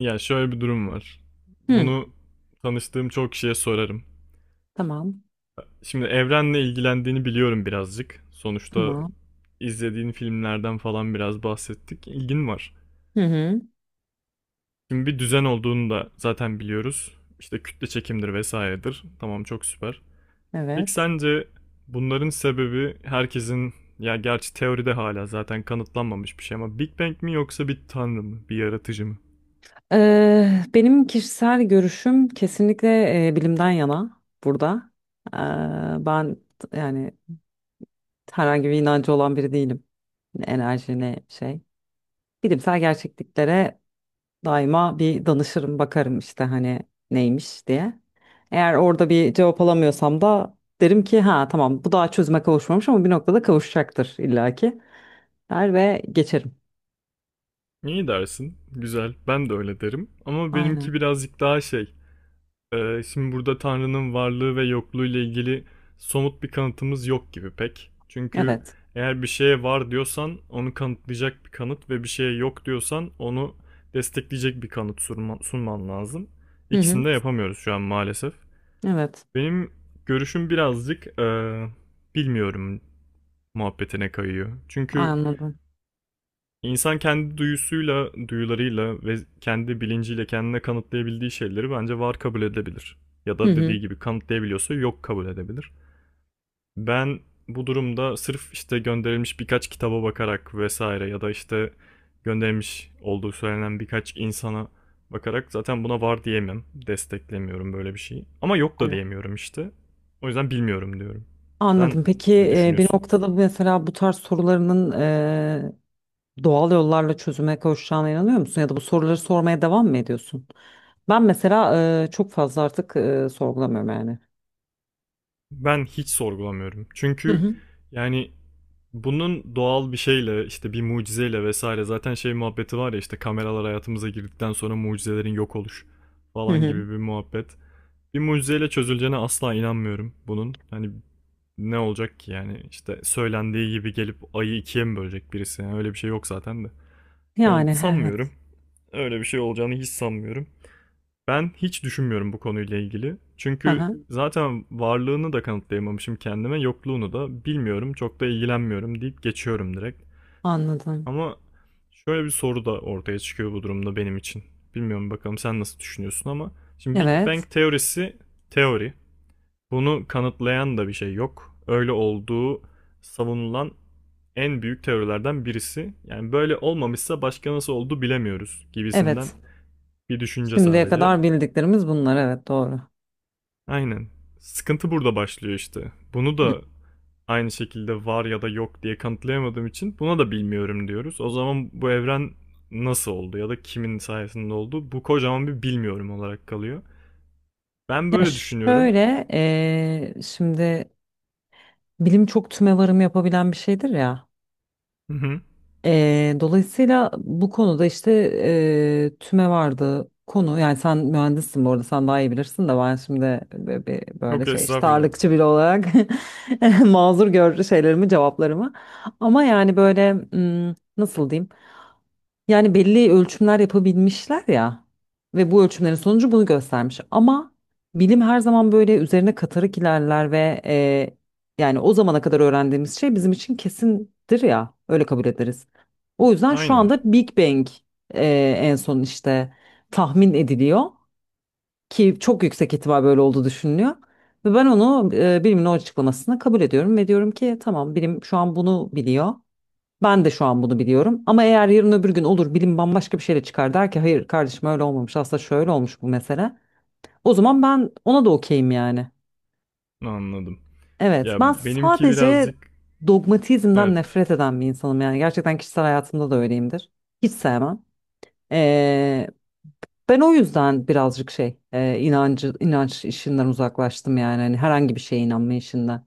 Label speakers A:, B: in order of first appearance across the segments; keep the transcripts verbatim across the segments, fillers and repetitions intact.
A: Ya şöyle bir durum var.
B: Hı,
A: Bunu tanıştığım çok kişiye sorarım.
B: tamam,
A: Şimdi evrenle ilgilendiğini biliyorum birazcık. Sonuçta
B: tamam.
A: izlediğin filmlerden falan biraz bahsettik. İlgin var.
B: Hı hı,
A: Şimdi bir düzen olduğunu da zaten biliyoruz. İşte kütle çekimdir vesairedir. Tamam çok süper. Peki
B: evet.
A: sence bunların sebebi herkesin ya gerçi teoride hala zaten kanıtlanmamış bir şey ama Big Bang mi yoksa bir tanrı mı, bir yaratıcı mı?
B: Ee, benim kişisel görüşüm kesinlikle e, bilimden yana burada. Ee, ben t- yani herhangi bir inancı olan biri değilim. Ne enerji ne şey. Bilimsel gerçekliklere daima bir danışırım, bakarım işte hani neymiş diye. Eğer orada bir cevap alamıyorsam da derim ki ha tamam bu daha çözüme kavuşmamış ama bir noktada kavuşacaktır illaki der ve geçerim.
A: İyi dersin. Güzel. Ben de öyle derim. Ama
B: Aynen.
A: benimki birazcık daha şey. Ee, şimdi burada Tanrı'nın varlığı ve yokluğu ile ilgili somut bir kanıtımız yok gibi pek. Çünkü
B: Evet.
A: eğer bir şeye var diyorsan onu kanıtlayacak bir kanıt ve bir şeye yok diyorsan onu destekleyecek bir kanıt sunman, sunman lazım.
B: Hı hı.
A: İkisini de yapamıyoruz şu an maalesef.
B: Evet,
A: Benim görüşüm birazcık eee, bilmiyorum muhabbetine kayıyor. Çünkü
B: anladım.
A: İnsan kendi duyusuyla, duyularıyla ve kendi bilinciyle kendine kanıtlayabildiği şeyleri bence var kabul edebilir. Ya
B: Hı
A: da
B: hı.
A: dediği gibi kanıtlayabiliyorsa yok kabul edebilir. Ben bu durumda sırf işte gönderilmiş birkaç kitaba bakarak vesaire ya da işte gönderilmiş olduğu söylenen birkaç insana bakarak zaten buna var diyemem. Desteklemiyorum böyle bir şeyi. Ama yok da
B: Tamam.
A: diyemiyorum işte. O yüzden bilmiyorum diyorum. Sen
B: Anladım. Peki
A: ne
B: e, bir
A: düşünüyorsun?
B: noktada mesela bu tarz sorularının e, doğal yollarla çözüme kavuşacağına inanıyor musun? Ya da bu soruları sormaya devam mı ediyorsun? Ben mesela e, çok fazla artık e, sorgulamıyorum yani.
A: Ben hiç sorgulamıyorum.
B: Hı
A: Çünkü
B: hı.
A: yani bunun doğal bir şeyle işte bir mucizeyle vesaire zaten şey muhabbeti var ya işte kameralar hayatımıza girdikten sonra mucizelerin yok oluş
B: Hı
A: falan
B: hı.
A: gibi bir muhabbet. Bir mucizeyle çözüleceğine asla inanmıyorum bunun. Hani ne olacak ki yani işte söylendiği gibi gelip ayı ikiye mi bölecek birisi, yani öyle bir şey yok zaten de. Yani
B: Yani he- evet.
A: sanmıyorum. Öyle bir şey olacağını hiç sanmıyorum. Ben hiç düşünmüyorum bu konuyla ilgili.
B: Hı
A: Çünkü
B: hı.
A: zaten varlığını da kanıtlayamamışım kendime, yokluğunu da bilmiyorum, çok da ilgilenmiyorum deyip geçiyorum direkt.
B: Anladım.
A: Ama şöyle bir soru da ortaya çıkıyor bu durumda benim için. Bilmiyorum bakalım sen nasıl düşünüyorsun ama şimdi Big
B: Evet.
A: Bang teorisi teori. Bunu kanıtlayan da bir şey yok. Öyle olduğu savunulan en büyük teorilerden birisi. Yani böyle olmamışsa başka nasıl oldu bilemiyoruz gibisinden
B: Evet.
A: bir düşünce
B: Şimdiye
A: sadece.
B: kadar bildiklerimiz bunlar. Evet doğru.
A: Aynen. Sıkıntı burada başlıyor işte. Bunu
B: Hı.
A: da aynı şekilde var ya da yok diye kanıtlayamadığım için buna da bilmiyorum diyoruz. O zaman bu evren nasıl oldu ya da kimin sayesinde oldu? Bu kocaman bir bilmiyorum olarak kalıyor. Ben
B: Ya
A: böyle düşünüyorum.
B: şöyle e, şimdi bilim çok tümevarım yapabilen bir şeydir ya.
A: Hı hı.
B: Eee, dolayısıyla bu konuda işte eee tüme vardı konu yani sen mühendissin bu arada sen daha iyi bilirsin de ben şimdi böyle, bir- böyle
A: Yok
B: şey işte
A: estağfurullah.
B: ağırlıkçı biri olarak mazur gör şeylerimi cevaplarımı ama yani böyle hmm, nasıl diyeyim yani belli ölçümler yapabilmişler ya ve bu ölçümlerin sonucu bunu göstermiş. Ama bilim her zaman böyle üzerine katarak ilerler ve e, yani o zamana kadar öğrendiğimiz şey bizim için kesindir ya öyle kabul ederiz. O yüzden şu
A: Aynen.
B: anda Big Bang e, en son işte tahmin ediliyor ki çok yüksek ihtimal böyle olduğu düşünülüyor. Ve ben onu e, bilimin o açıklamasını kabul ediyorum ve diyorum ki tamam bilim şu an bunu biliyor. Ben de şu an bunu biliyorum. Ama eğer yarın öbür gün olur bilim bambaşka bir şeyle çıkar der ki hayır kardeşim öyle olmamış aslında şöyle olmuş bu mesele. O zaman ben ona da okeyim yani.
A: Anladım.
B: Evet ben
A: Ya benimki
B: sadece
A: birazcık
B: dogmatizmden
A: evet.
B: nefret eden bir insanım yani. Gerçekten kişisel hayatımda da öyleyimdir. Hiç sevmem. Ee, Ben o yüzden birazcık şey e, inancı inanç işinden uzaklaştım yani hani herhangi bir şeye inanma işinden.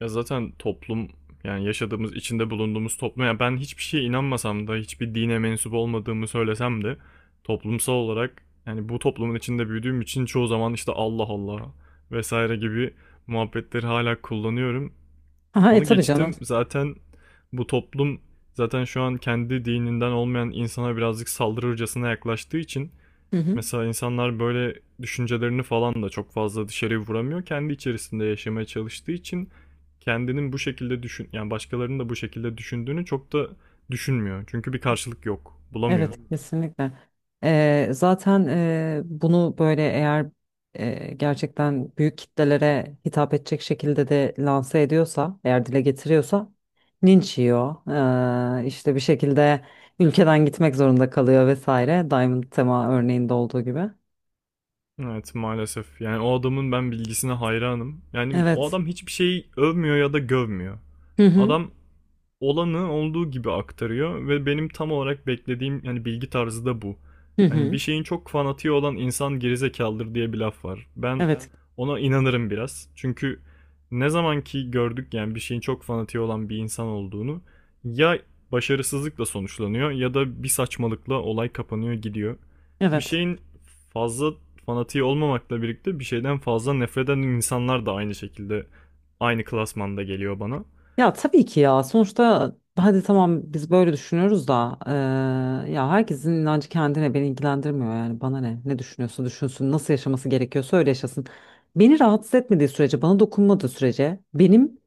A: Ya zaten toplum, yani yaşadığımız içinde bulunduğumuz toplum, yani ben hiçbir şeye inanmasam da hiçbir dine mensup olmadığımı söylesem de toplumsal olarak, yani bu toplumun içinde büyüdüğüm için çoğu zaman işte Allah Allah vesaire gibi muhabbetleri hala kullanıyorum.
B: Aha, e
A: Onu
B: tabii canım.
A: geçtim, zaten bu toplum zaten şu an kendi dininden olmayan insana birazcık saldırırcasına yaklaştığı için
B: Hı hı.
A: mesela insanlar böyle düşüncelerini falan da çok fazla dışarıya vuramıyor. Kendi içerisinde yaşamaya çalıştığı için kendinin bu şekilde düşün, yani başkalarının da bu şekilde düşündüğünü çok da düşünmüyor. Çünkü bir karşılık yok, bulamıyor.
B: Evet kesinlikle. Eee, zaten eee, bunu böyle eğer eee, gerçekten büyük kitlelere hitap edecek şekilde de lanse ediyorsa, eğer dile getiriyorsa linç yiyor. Eee, işte bir şekilde ülkeden gitmek zorunda kalıyor vesaire. Diamond Tema örneğinde olduğu gibi.
A: Evet, maalesef. Yani o adamın ben bilgisine hayranım. Yani o
B: Evet.
A: adam hiçbir şeyi övmüyor ya da gövmüyor.
B: Hı hı.
A: Adam olanı olduğu gibi aktarıyor ve benim tam olarak beklediğim yani bilgi tarzı da bu.
B: Hı
A: Hani
B: hı.
A: bir şeyin çok fanatiği olan insan gerizekalıdır diye bir laf var. Ben
B: Evet.
A: ona inanırım biraz. Çünkü ne zaman ki gördük yani bir şeyin çok fanatiği olan bir insan olduğunu, ya başarısızlıkla sonuçlanıyor ya da bir saçmalıkla olay kapanıyor gidiyor. Bir
B: Evet.
A: şeyin fazla fanatiği olmamakla birlikte bir şeyden fazla nefret eden insanlar da aynı şekilde aynı klasmanda geliyor bana.
B: Ya tabii ki ya sonuçta hadi tamam biz böyle düşünüyoruz da eee, ya herkesin inancı kendine beni ilgilendirmiyor yani bana ne ne düşünüyorsa düşünsün nasıl yaşaması gerekiyorsa öyle yaşasın. Beni rahatsız etmediği sürece bana dokunmadığı sürece benim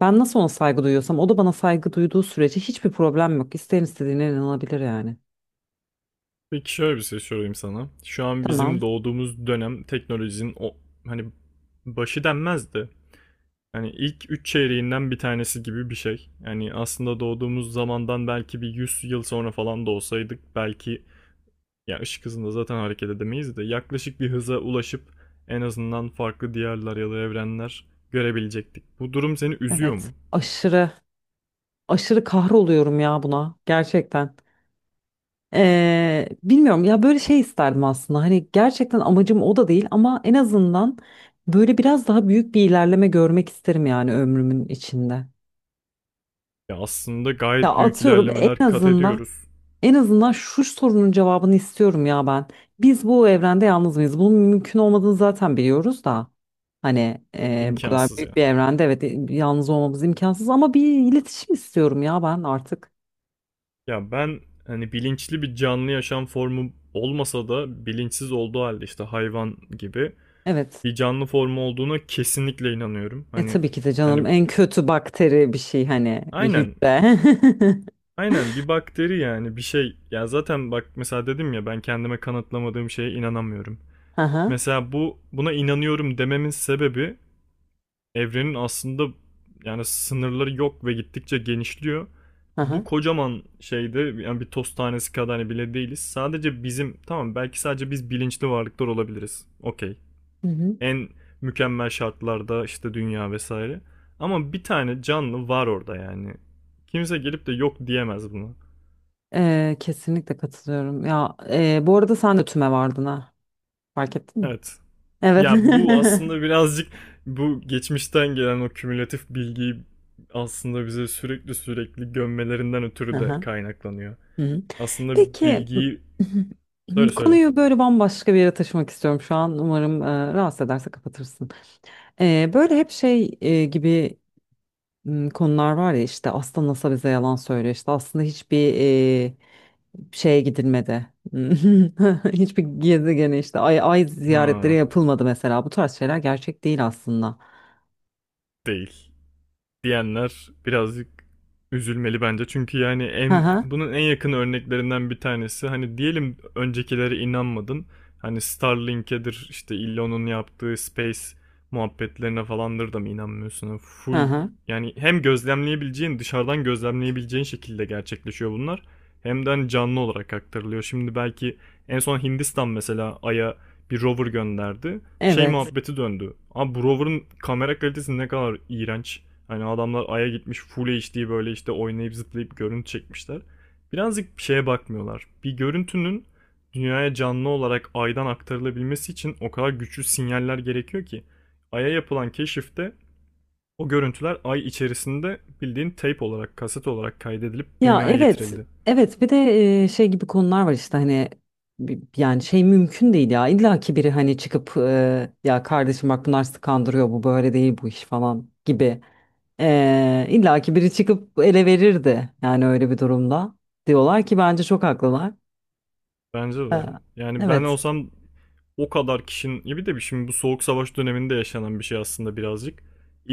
B: ben nasıl ona saygı duyuyorsam o da bana saygı duyduğu sürece hiçbir problem yok. İsteyen istediğine inanabilir yani.
A: Peki şöyle bir şey sorayım sana. Şu an
B: Tamam
A: bizim doğduğumuz dönem teknolojinin o hani başı denmez de yani ilk üç çeyreğinden bir tanesi gibi bir şey. Yani aslında doğduğumuz zamandan belki bir yüz yıl sonra falan da olsaydık belki ya ışık hızında zaten hareket edemeyiz de yaklaşık bir hıza ulaşıp en azından farklı diyarlar ya da evrenler görebilecektik. Bu durum seni üzüyor
B: evet
A: mu?
B: aşırı aşırı kahroluyorum ya buna gerçekten. Eee, bilmiyorum ya böyle şey isterdim aslında hani gerçekten amacım o da değil ama en azından böyle biraz daha büyük bir ilerleme görmek isterim yani ömrümün içinde.
A: Ya aslında
B: Ya
A: gayet büyük
B: atıyorum en
A: ilerlemeler kat
B: azından
A: ediyoruz.
B: en azından şu sorunun cevabını istiyorum ya ben. Biz bu evrende yalnız mıyız? Bunun mümkün olmadığını zaten biliyoruz da hani eee, bu kadar
A: İmkansız
B: büyük
A: ya.
B: bir evrende evet e, yalnız olmamız imkansız ama bir iletişim istiyorum ya ben artık.
A: Ya ben hani bilinçli bir canlı yaşam formu olmasa da bilinçsiz olduğu halde işte hayvan gibi
B: Evet.
A: bir canlı formu olduğuna kesinlikle inanıyorum.
B: E
A: Hani
B: tabii ki de canım
A: hani
B: en kötü bakteri bir şey hani bir
A: aynen,
B: hücre.
A: aynen bir bakteri yani bir şey ya. Zaten bak, mesela dedim ya ben kendime kanıtlamadığım şeye inanamıyorum.
B: Aha,
A: Mesela bu, buna inanıyorum dememin sebebi evrenin aslında yani sınırları yok ve gittikçe genişliyor. Bu
B: aha.
A: kocaman şeyde yani bir toz tanesi kadar hani bile değiliz. Sadece bizim, tamam, belki sadece biz bilinçli varlıklar olabiliriz. Okey.
B: Hı hı.
A: En mükemmel şartlarda işte dünya vesaire. Ama bir tane canlı var orada yani. Kimse gelip de yok diyemez buna.
B: E, kesinlikle katılıyorum. Ya e, bu arada sen de tüme vardın ha. Fark ettin mi?
A: Evet.
B: Evet.
A: Ya bu aslında birazcık bu geçmişten gelen o kümülatif bilgiyi aslında bize sürekli sürekli gömmelerinden ötürü de
B: Aha.
A: kaynaklanıyor.
B: Hı hı.
A: Aslında
B: Peki
A: bilgiyi söyle, söyle.
B: konuyu böyle bambaşka bir yere taşımak istiyorum şu an. Umarım e, rahatsız ederse kapatırsın. E, böyle hep şey e, gibi m, konular var ya işte aslında N A S A bize yalan söylüyor. İşte aslında hiçbir e, şeye gidilmedi. Hiçbir gezegene işte ay, ay ziyaretleri
A: Ha,
B: yapılmadı mesela. Bu tarz şeyler gerçek değil aslında.
A: değil diyenler birazcık üzülmeli bence. Çünkü yani
B: Hı
A: en,
B: hı.
A: bunun en yakın örneklerinden bir tanesi hani diyelim öncekilere inanmadın. Hani Starlink'edir, işte Elon'un yaptığı space muhabbetlerine falandır da mı inanmıyorsun? Yani
B: Hı
A: full,
B: hı.
A: yani hem gözlemleyebileceğin, dışarıdan gözlemleyebileceğin şekilde gerçekleşiyor bunlar. Hem de hani canlı olarak aktarılıyor. Şimdi belki en son Hindistan mesela Ay'a bir rover gönderdi. Şey
B: Evet.
A: muhabbeti döndü. Abi bu rover'ın kamera kalitesi ne kadar iğrenç. Hani adamlar Ay'a gitmiş full H D böyle işte oynayıp zıplayıp görüntü çekmişler. Birazcık bir şeye bakmıyorlar. Bir görüntünün dünyaya canlı olarak Ay'dan aktarılabilmesi için o kadar güçlü sinyaller gerekiyor ki. Ay'a yapılan keşifte o görüntüler Ay içerisinde bildiğin tape olarak, kaset olarak kaydedilip
B: Ya
A: dünyaya
B: evet.
A: getirildi.
B: Evet bir de e, şey gibi konular var işte hani bi- yani şey mümkün değil ya. İlla ki biri hani çıkıp e, ya kardeşim bak bunlar sizi kandırıyor bu böyle değil bu iş falan gibi. E, illa ki biri çıkıp ele verirdi yani öyle bir durumda. Diyorlar ki bence çok haklılar.
A: Bence
B: E,
A: de. Yani ben
B: evet.
A: olsam o kadar kişinin, ya bir de bir- şimdi bu soğuk savaş döneminde yaşanan bir şey aslında birazcık.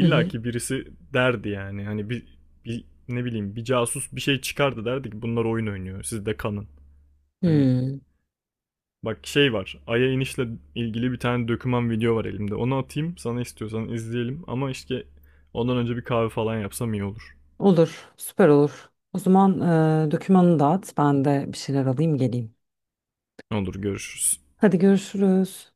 B: Hı hı.
A: ki birisi derdi, yani hani bir, bir ne bileyim bir casus bir şey çıkardı derdi ki bunlar oyun oynuyor, siz de kanın. Hani
B: Hmm.
A: bak şey var, Ay'a inişle ilgili bir tane döküman video var elimde, onu atayım sana, istiyorsan izleyelim, ama işte ondan önce bir kahve falan yapsam iyi olur.
B: Olur, süper olur. O zaman e, dokümanını dağıt, ben de bir şeyler alayım geleyim.
A: Olur, görüşürüz.
B: Hadi görüşürüz.